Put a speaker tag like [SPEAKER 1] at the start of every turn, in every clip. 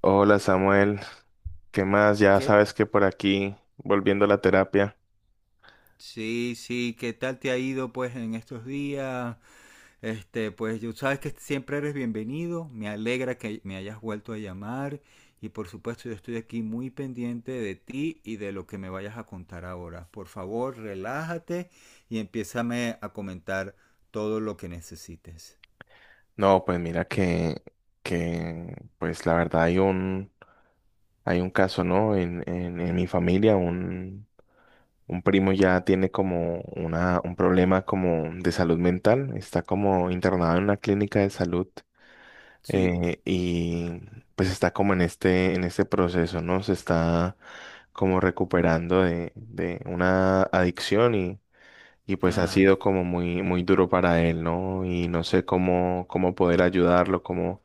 [SPEAKER 1] Hola Samuel, ¿qué más? Ya
[SPEAKER 2] ¿Qué?
[SPEAKER 1] sabes que por aquí, volviendo a la terapia.
[SPEAKER 2] Sí, sí, ¿qué tal te ha ido pues en estos días? Este, pues yo sabes que siempre eres bienvenido, me alegra que me hayas vuelto a llamar y por supuesto yo estoy aquí muy pendiente de ti y de lo que me vayas a contar ahora. Por favor, relájate y empiézame a comentar todo lo que necesites.
[SPEAKER 1] No, pues mira que pues la verdad hay un caso, ¿no? En mi familia, un primo ya tiene como un problema como de salud mental, está como internado en una clínica de salud
[SPEAKER 2] Sí,
[SPEAKER 1] y pues está como en en este proceso, ¿no? Se está como recuperando de una adicción y pues ha
[SPEAKER 2] ah,
[SPEAKER 1] sido como muy duro para él, ¿no? Y no sé cómo, cómo poder ayudarlo, cómo,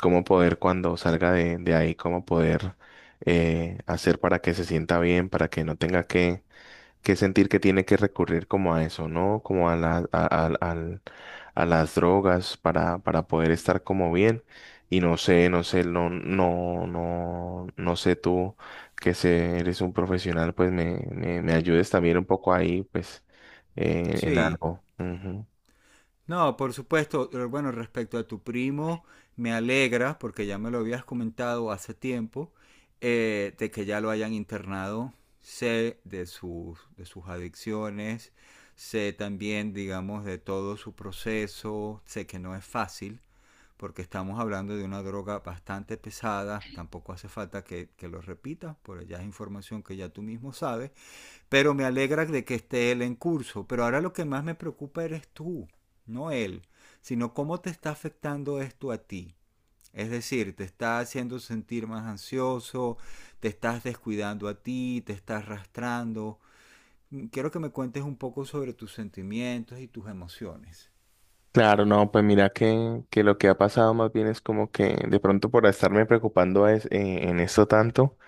[SPEAKER 1] cómo poder cuando salga de ahí, cómo poder hacer para que se sienta bien, para que no tenga que sentir que tiene que recurrir como a eso, ¿no? Como a a las drogas para poder estar como bien. Y no sé, no sé, no sé tú que se, eres un profesional, pues me ayudes también un poco ahí, pues, en
[SPEAKER 2] sí.
[SPEAKER 1] algo. Ujú.
[SPEAKER 2] No, por supuesto. Bueno, respecto a tu primo, me alegra, porque ya me lo habías comentado hace tiempo, de que ya lo hayan internado. Sé de de sus adicciones, sé también, digamos, de todo su proceso. Sé que no es fácil, porque estamos hablando de una droga bastante pesada. Tampoco hace falta que lo repita, porque ya es información que ya tú mismo sabes. Pero me alegra de que esté él en curso. Pero ahora lo que más me preocupa eres tú, no él, sino cómo te está afectando esto a ti. Es decir, te está haciendo sentir más ansioso, te estás descuidando a ti, te estás arrastrando. Quiero que me cuentes un poco sobre tus sentimientos y tus emociones.
[SPEAKER 1] Claro, no, pues mira que lo que ha pasado más bien es como que de pronto por estarme preocupando es, en esto tanto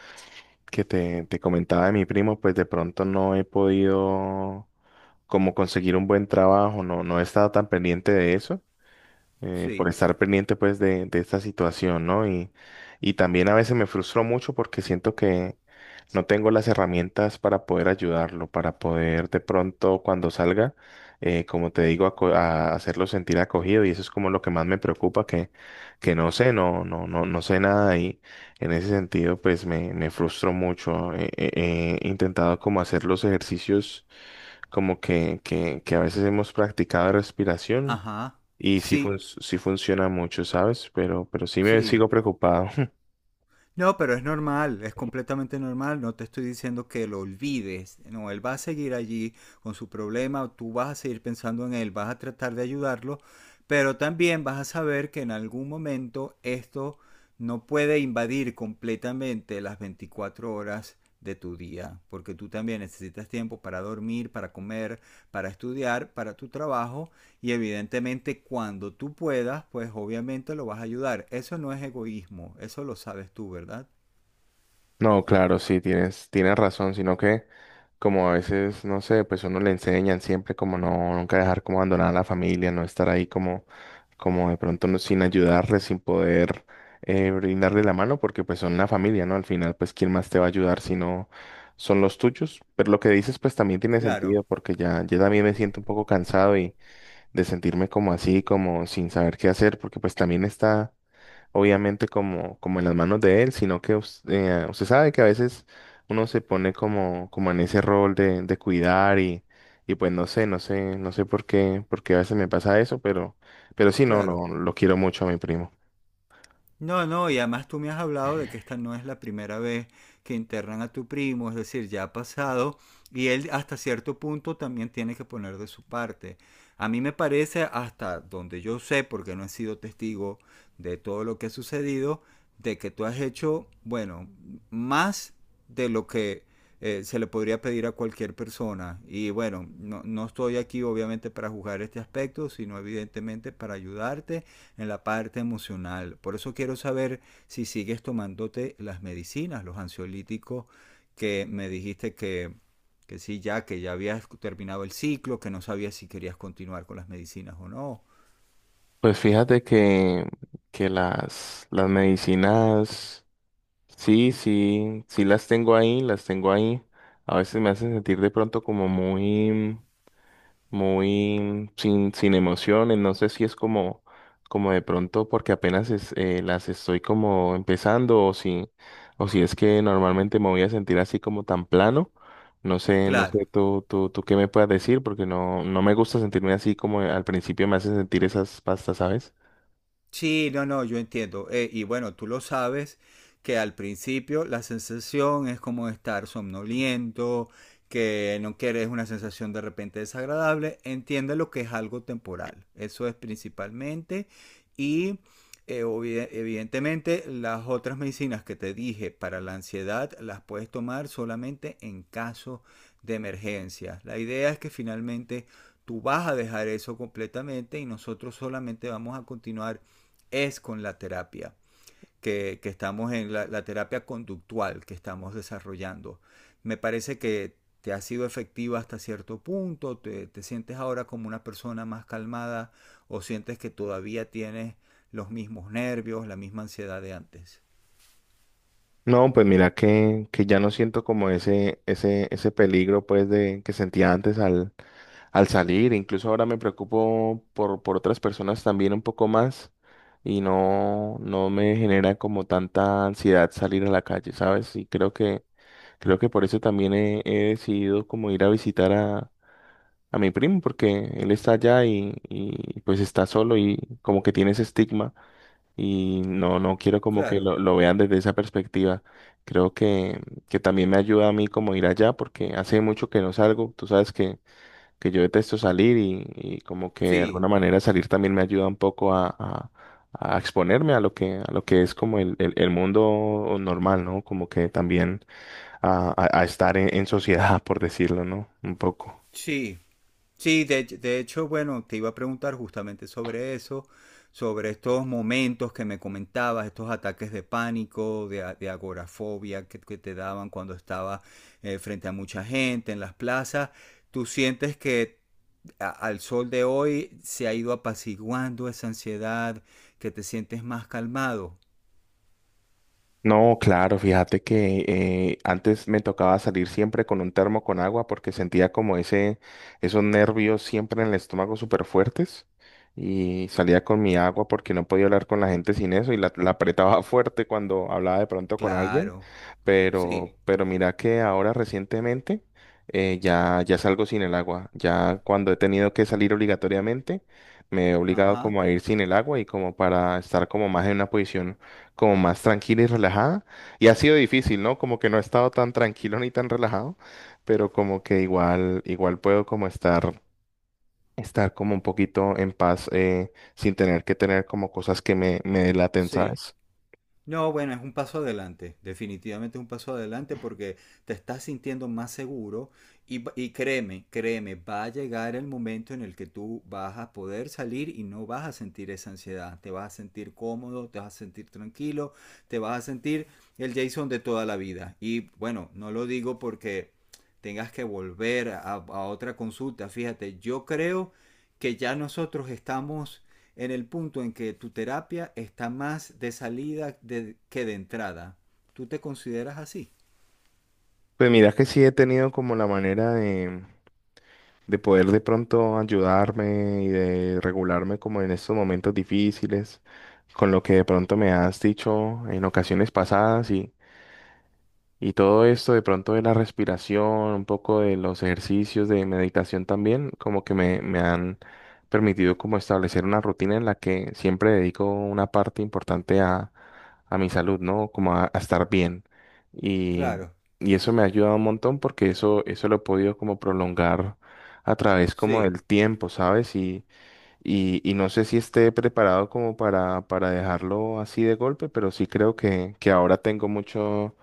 [SPEAKER 1] que te comentaba de mi primo, pues de pronto no he podido como conseguir un buen trabajo, no, no he estado tan pendiente de eso por
[SPEAKER 2] Sí,
[SPEAKER 1] estar pendiente pues de esta situación, ¿no? Y también a veces me frustro mucho porque siento que no tengo las herramientas para poder ayudarlo, para poder de pronto cuando salga, como te digo, a hacerlo sentir acogido y eso es como lo que más me preocupa, que no sé, no sé nada y en ese sentido pues me frustro mucho. He intentado como hacer los ejercicios como que a veces hemos practicado de respiración
[SPEAKER 2] ajá,
[SPEAKER 1] y sí,
[SPEAKER 2] sí,
[SPEAKER 1] sí funciona mucho, ¿sabes? Pero sí me
[SPEAKER 2] sí.
[SPEAKER 1] sigo preocupado.
[SPEAKER 2] No, pero es normal, es completamente normal. No te estoy diciendo que lo olvides. No, él va a seguir allí con su problema, tú vas a seguir pensando en él, vas a tratar de ayudarlo, pero también vas a saber que en algún momento esto no puede invadir completamente las 24 horas de tu día, porque tú también necesitas tiempo para dormir, para comer, para estudiar, para tu trabajo y evidentemente cuando tú puedas, pues obviamente lo vas a ayudar. Eso no es egoísmo, eso lo sabes tú, ¿verdad?
[SPEAKER 1] No, claro, sí, tienes, tienes razón, sino que como a veces, no sé, pues uno le enseñan siempre como no, nunca dejar como abandonar a la familia, no estar ahí como, como de pronto sin ayudarle, sin poder brindarle la mano, porque pues son la familia, ¿no? Al final, pues, ¿quién más te va a ayudar si no son los tuyos? Pero lo que dices, pues también tiene
[SPEAKER 2] Claro,
[SPEAKER 1] sentido, porque ya, ya también me siento un poco cansado de sentirme como así, como sin saber qué hacer, porque pues también está obviamente como, como en las manos de él, sino que usted sabe que a veces uno se pone como, como en ese rol de cuidar y pues no sé, no sé, no sé por qué a veces me pasa eso, pero sí, no,
[SPEAKER 2] claro.
[SPEAKER 1] lo quiero mucho a mi primo.
[SPEAKER 2] No, no, y además tú me has hablado de que esta no es la primera vez que internan a tu primo, es decir, ya ha pasado y él hasta cierto punto también tiene que poner de su parte. A mí me parece, hasta donde yo sé, porque no he sido testigo de todo lo que ha sucedido, de que tú has hecho, bueno, más de lo que se le podría pedir a cualquier persona. Y bueno, no, no estoy aquí obviamente para juzgar este aspecto, sino evidentemente para ayudarte en la parte emocional. Por eso quiero saber si sigues tomándote las medicinas, los ansiolíticos que me dijiste que sí, ya que ya habías terminado el ciclo, que no sabías si querías continuar con las medicinas o no.
[SPEAKER 1] Pues fíjate que las medicinas, sí, sí, sí las tengo ahí, las tengo ahí. A veces me hacen sentir de pronto como muy, muy sin, sin emociones. No sé si es como, como de pronto porque apenas las estoy como empezando o si es que normalmente me voy a sentir así como tan plano. No sé, no sé
[SPEAKER 2] Claro,
[SPEAKER 1] tú, tú qué me puedas decir porque no, no me gusta sentirme así como al principio me hacen sentir esas pastas, ¿sabes?
[SPEAKER 2] sí, no, no, yo entiendo. Y bueno, tú lo sabes que al principio la sensación es como estar somnoliento, que no quieres una sensación de repente desagradable. Entiende lo que es algo temporal. Eso es principalmente. Y evidentemente las otras medicinas que te dije para la ansiedad las puedes tomar solamente en caso de emergencia. La idea es que finalmente tú vas a dejar eso completamente y nosotros solamente vamos a continuar es con la terapia, que estamos en terapia conductual que estamos desarrollando. Me parece que te ha sido efectiva hasta cierto punto, te sientes ahora como una persona más calmada o sientes que todavía tienes los mismos nervios, la misma ansiedad de antes.
[SPEAKER 1] No, pues mira que ya no siento como ese, ese peligro pues de que sentía antes al al salir, incluso ahora me preocupo por otras personas también un poco más y no, no me genera como tanta ansiedad salir a la calle, ¿sabes? Y creo que por eso también he, he decidido como ir a visitar a mi primo, porque él está allá y pues está solo y como que tiene ese estigma y no, no quiero como que
[SPEAKER 2] Claro,
[SPEAKER 1] lo vean desde esa perspectiva. Creo que también me ayuda a mí como ir allá porque hace mucho que no salgo, tú sabes que yo detesto salir y como que de
[SPEAKER 2] sí,
[SPEAKER 1] alguna manera salir también me ayuda un poco a exponerme a lo que es como el, el mundo normal, ¿no? Como que también a estar en sociedad, por decirlo, ¿no? Un poco.
[SPEAKER 2] sí. Sí, de hecho, bueno, te iba a preguntar justamente sobre eso, sobre estos momentos que me comentabas, estos ataques de pánico, de agorafobia que te daban cuando estabas frente a mucha gente en las plazas. ¿Tú sientes que al sol de hoy se ha ido apaciguando esa ansiedad, que te sientes más calmado?
[SPEAKER 1] No, claro, fíjate que antes me tocaba salir siempre con un termo con agua porque sentía como ese, esos nervios siempre en el estómago súper fuertes y salía con mi agua porque no podía hablar con la gente sin eso y la apretaba fuerte cuando hablaba de pronto con alguien,
[SPEAKER 2] Claro, sí,
[SPEAKER 1] pero mira que ahora recientemente ya, ya salgo sin el agua, ya cuando he tenido que salir obligatoriamente me he obligado
[SPEAKER 2] ajá,
[SPEAKER 1] como a ir sin el agua y como para estar como más en una posición como más tranquila y relajada. Y ha sido difícil, ¿no? Como que no he estado tan tranquilo ni tan relajado, pero como que igual, igual puedo como estar, estar como un poquito en paz sin tener que tener como cosas que me delaten,
[SPEAKER 2] sí.
[SPEAKER 1] ¿sabes?
[SPEAKER 2] No, bueno, es un paso adelante, definitivamente es un paso adelante porque te estás sintiendo más seguro y, y créeme, créeme, va a llegar el momento en el que tú vas a poder salir y no vas a sentir esa ansiedad, te vas a sentir cómodo, te vas a sentir tranquilo, te vas a sentir el Jason de toda la vida. Y bueno, no lo digo porque tengas que volver a otra consulta, fíjate, yo creo que ya nosotros estamos en el punto en que tu terapia está más de salida que de entrada. ¿Tú te consideras así?
[SPEAKER 1] Pues mira que sí he tenido como la manera de poder de pronto ayudarme y de regularme como en estos momentos difíciles, con lo que de pronto me has dicho en ocasiones pasadas. Y todo esto de pronto de la respiración, un poco de los ejercicios de meditación también, como que me han permitido como establecer una rutina en la que siempre dedico una parte importante a mi salud, ¿no? Como a estar bien. Y,
[SPEAKER 2] Claro,
[SPEAKER 1] y eso me ha ayudado un montón porque eso lo he podido como prolongar a través como
[SPEAKER 2] sí,
[SPEAKER 1] del tiempo, ¿sabes? Y no sé si esté preparado como para dejarlo así de golpe, pero sí creo que ahora tengo mucho,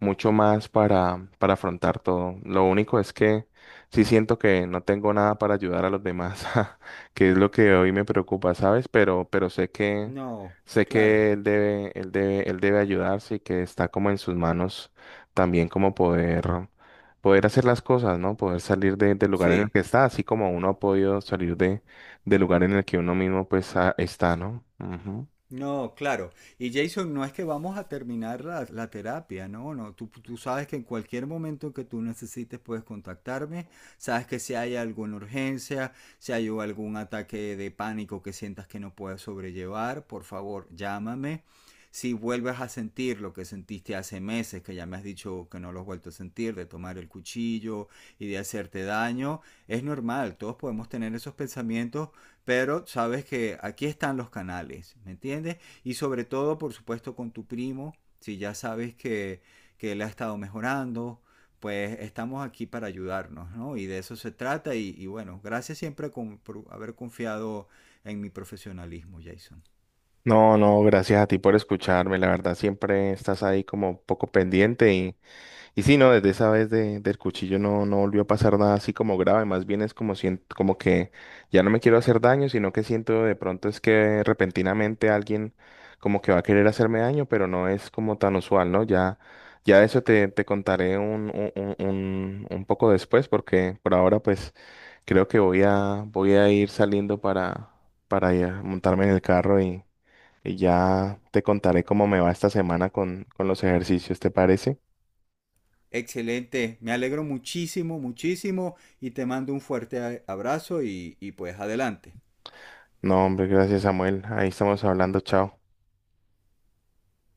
[SPEAKER 1] mucho más para afrontar todo. Lo único es que sí siento que no tengo nada para ayudar a los demás, que es lo que hoy me preocupa, ¿sabes? Pero sé que,
[SPEAKER 2] no, claro,
[SPEAKER 1] él debe ayudarse y que está como en sus manos también como poder, poder hacer las cosas, ¿no? Poder salir del lugar en el
[SPEAKER 2] sí.
[SPEAKER 1] que está, así como uno ha podido salir de del lugar en el que uno mismo pues está, ¿no? Ujú.
[SPEAKER 2] No, claro. Y Jason, no es que vamos a terminar la terapia, no, no. Tú sabes que en cualquier momento que tú necesites puedes contactarme. Sabes que si hay alguna urgencia, si hay algún ataque de pánico que sientas que no puedes sobrellevar, por favor, llámame. Si vuelves a sentir lo que sentiste hace meses, que ya me has dicho que no lo has vuelto a sentir, de tomar el cuchillo y de hacerte daño, es normal, todos podemos tener esos pensamientos pero sabes que aquí están los canales, ¿me entiendes? Y sobre todo, por supuesto, con tu primo, si ya sabes que él ha estado mejorando, pues estamos aquí para ayudarnos, ¿no? Y de eso se trata y bueno, gracias siempre por haber confiado en mi profesionalismo, Jason.
[SPEAKER 1] No, no, gracias a ti por escucharme, la verdad siempre estás ahí como un poco pendiente. Y sí, no, desde esa vez del cuchillo no, no volvió a pasar nada así como grave, más bien es como siento como que ya no me quiero hacer daño, sino que siento de pronto es que repentinamente alguien como que va a querer hacerme daño, pero no es como tan usual, ¿no? Ya, ya de eso te, te contaré un poco después, porque por ahora pues creo que voy a, voy a ir saliendo para ya montarme en el carro y ya te contaré cómo me va esta semana con los ejercicios, ¿te parece?
[SPEAKER 2] Excelente, me alegro muchísimo, muchísimo y te mando un fuerte abrazo y pues adelante.
[SPEAKER 1] No, hombre, gracias, Samuel. Ahí estamos hablando, chao.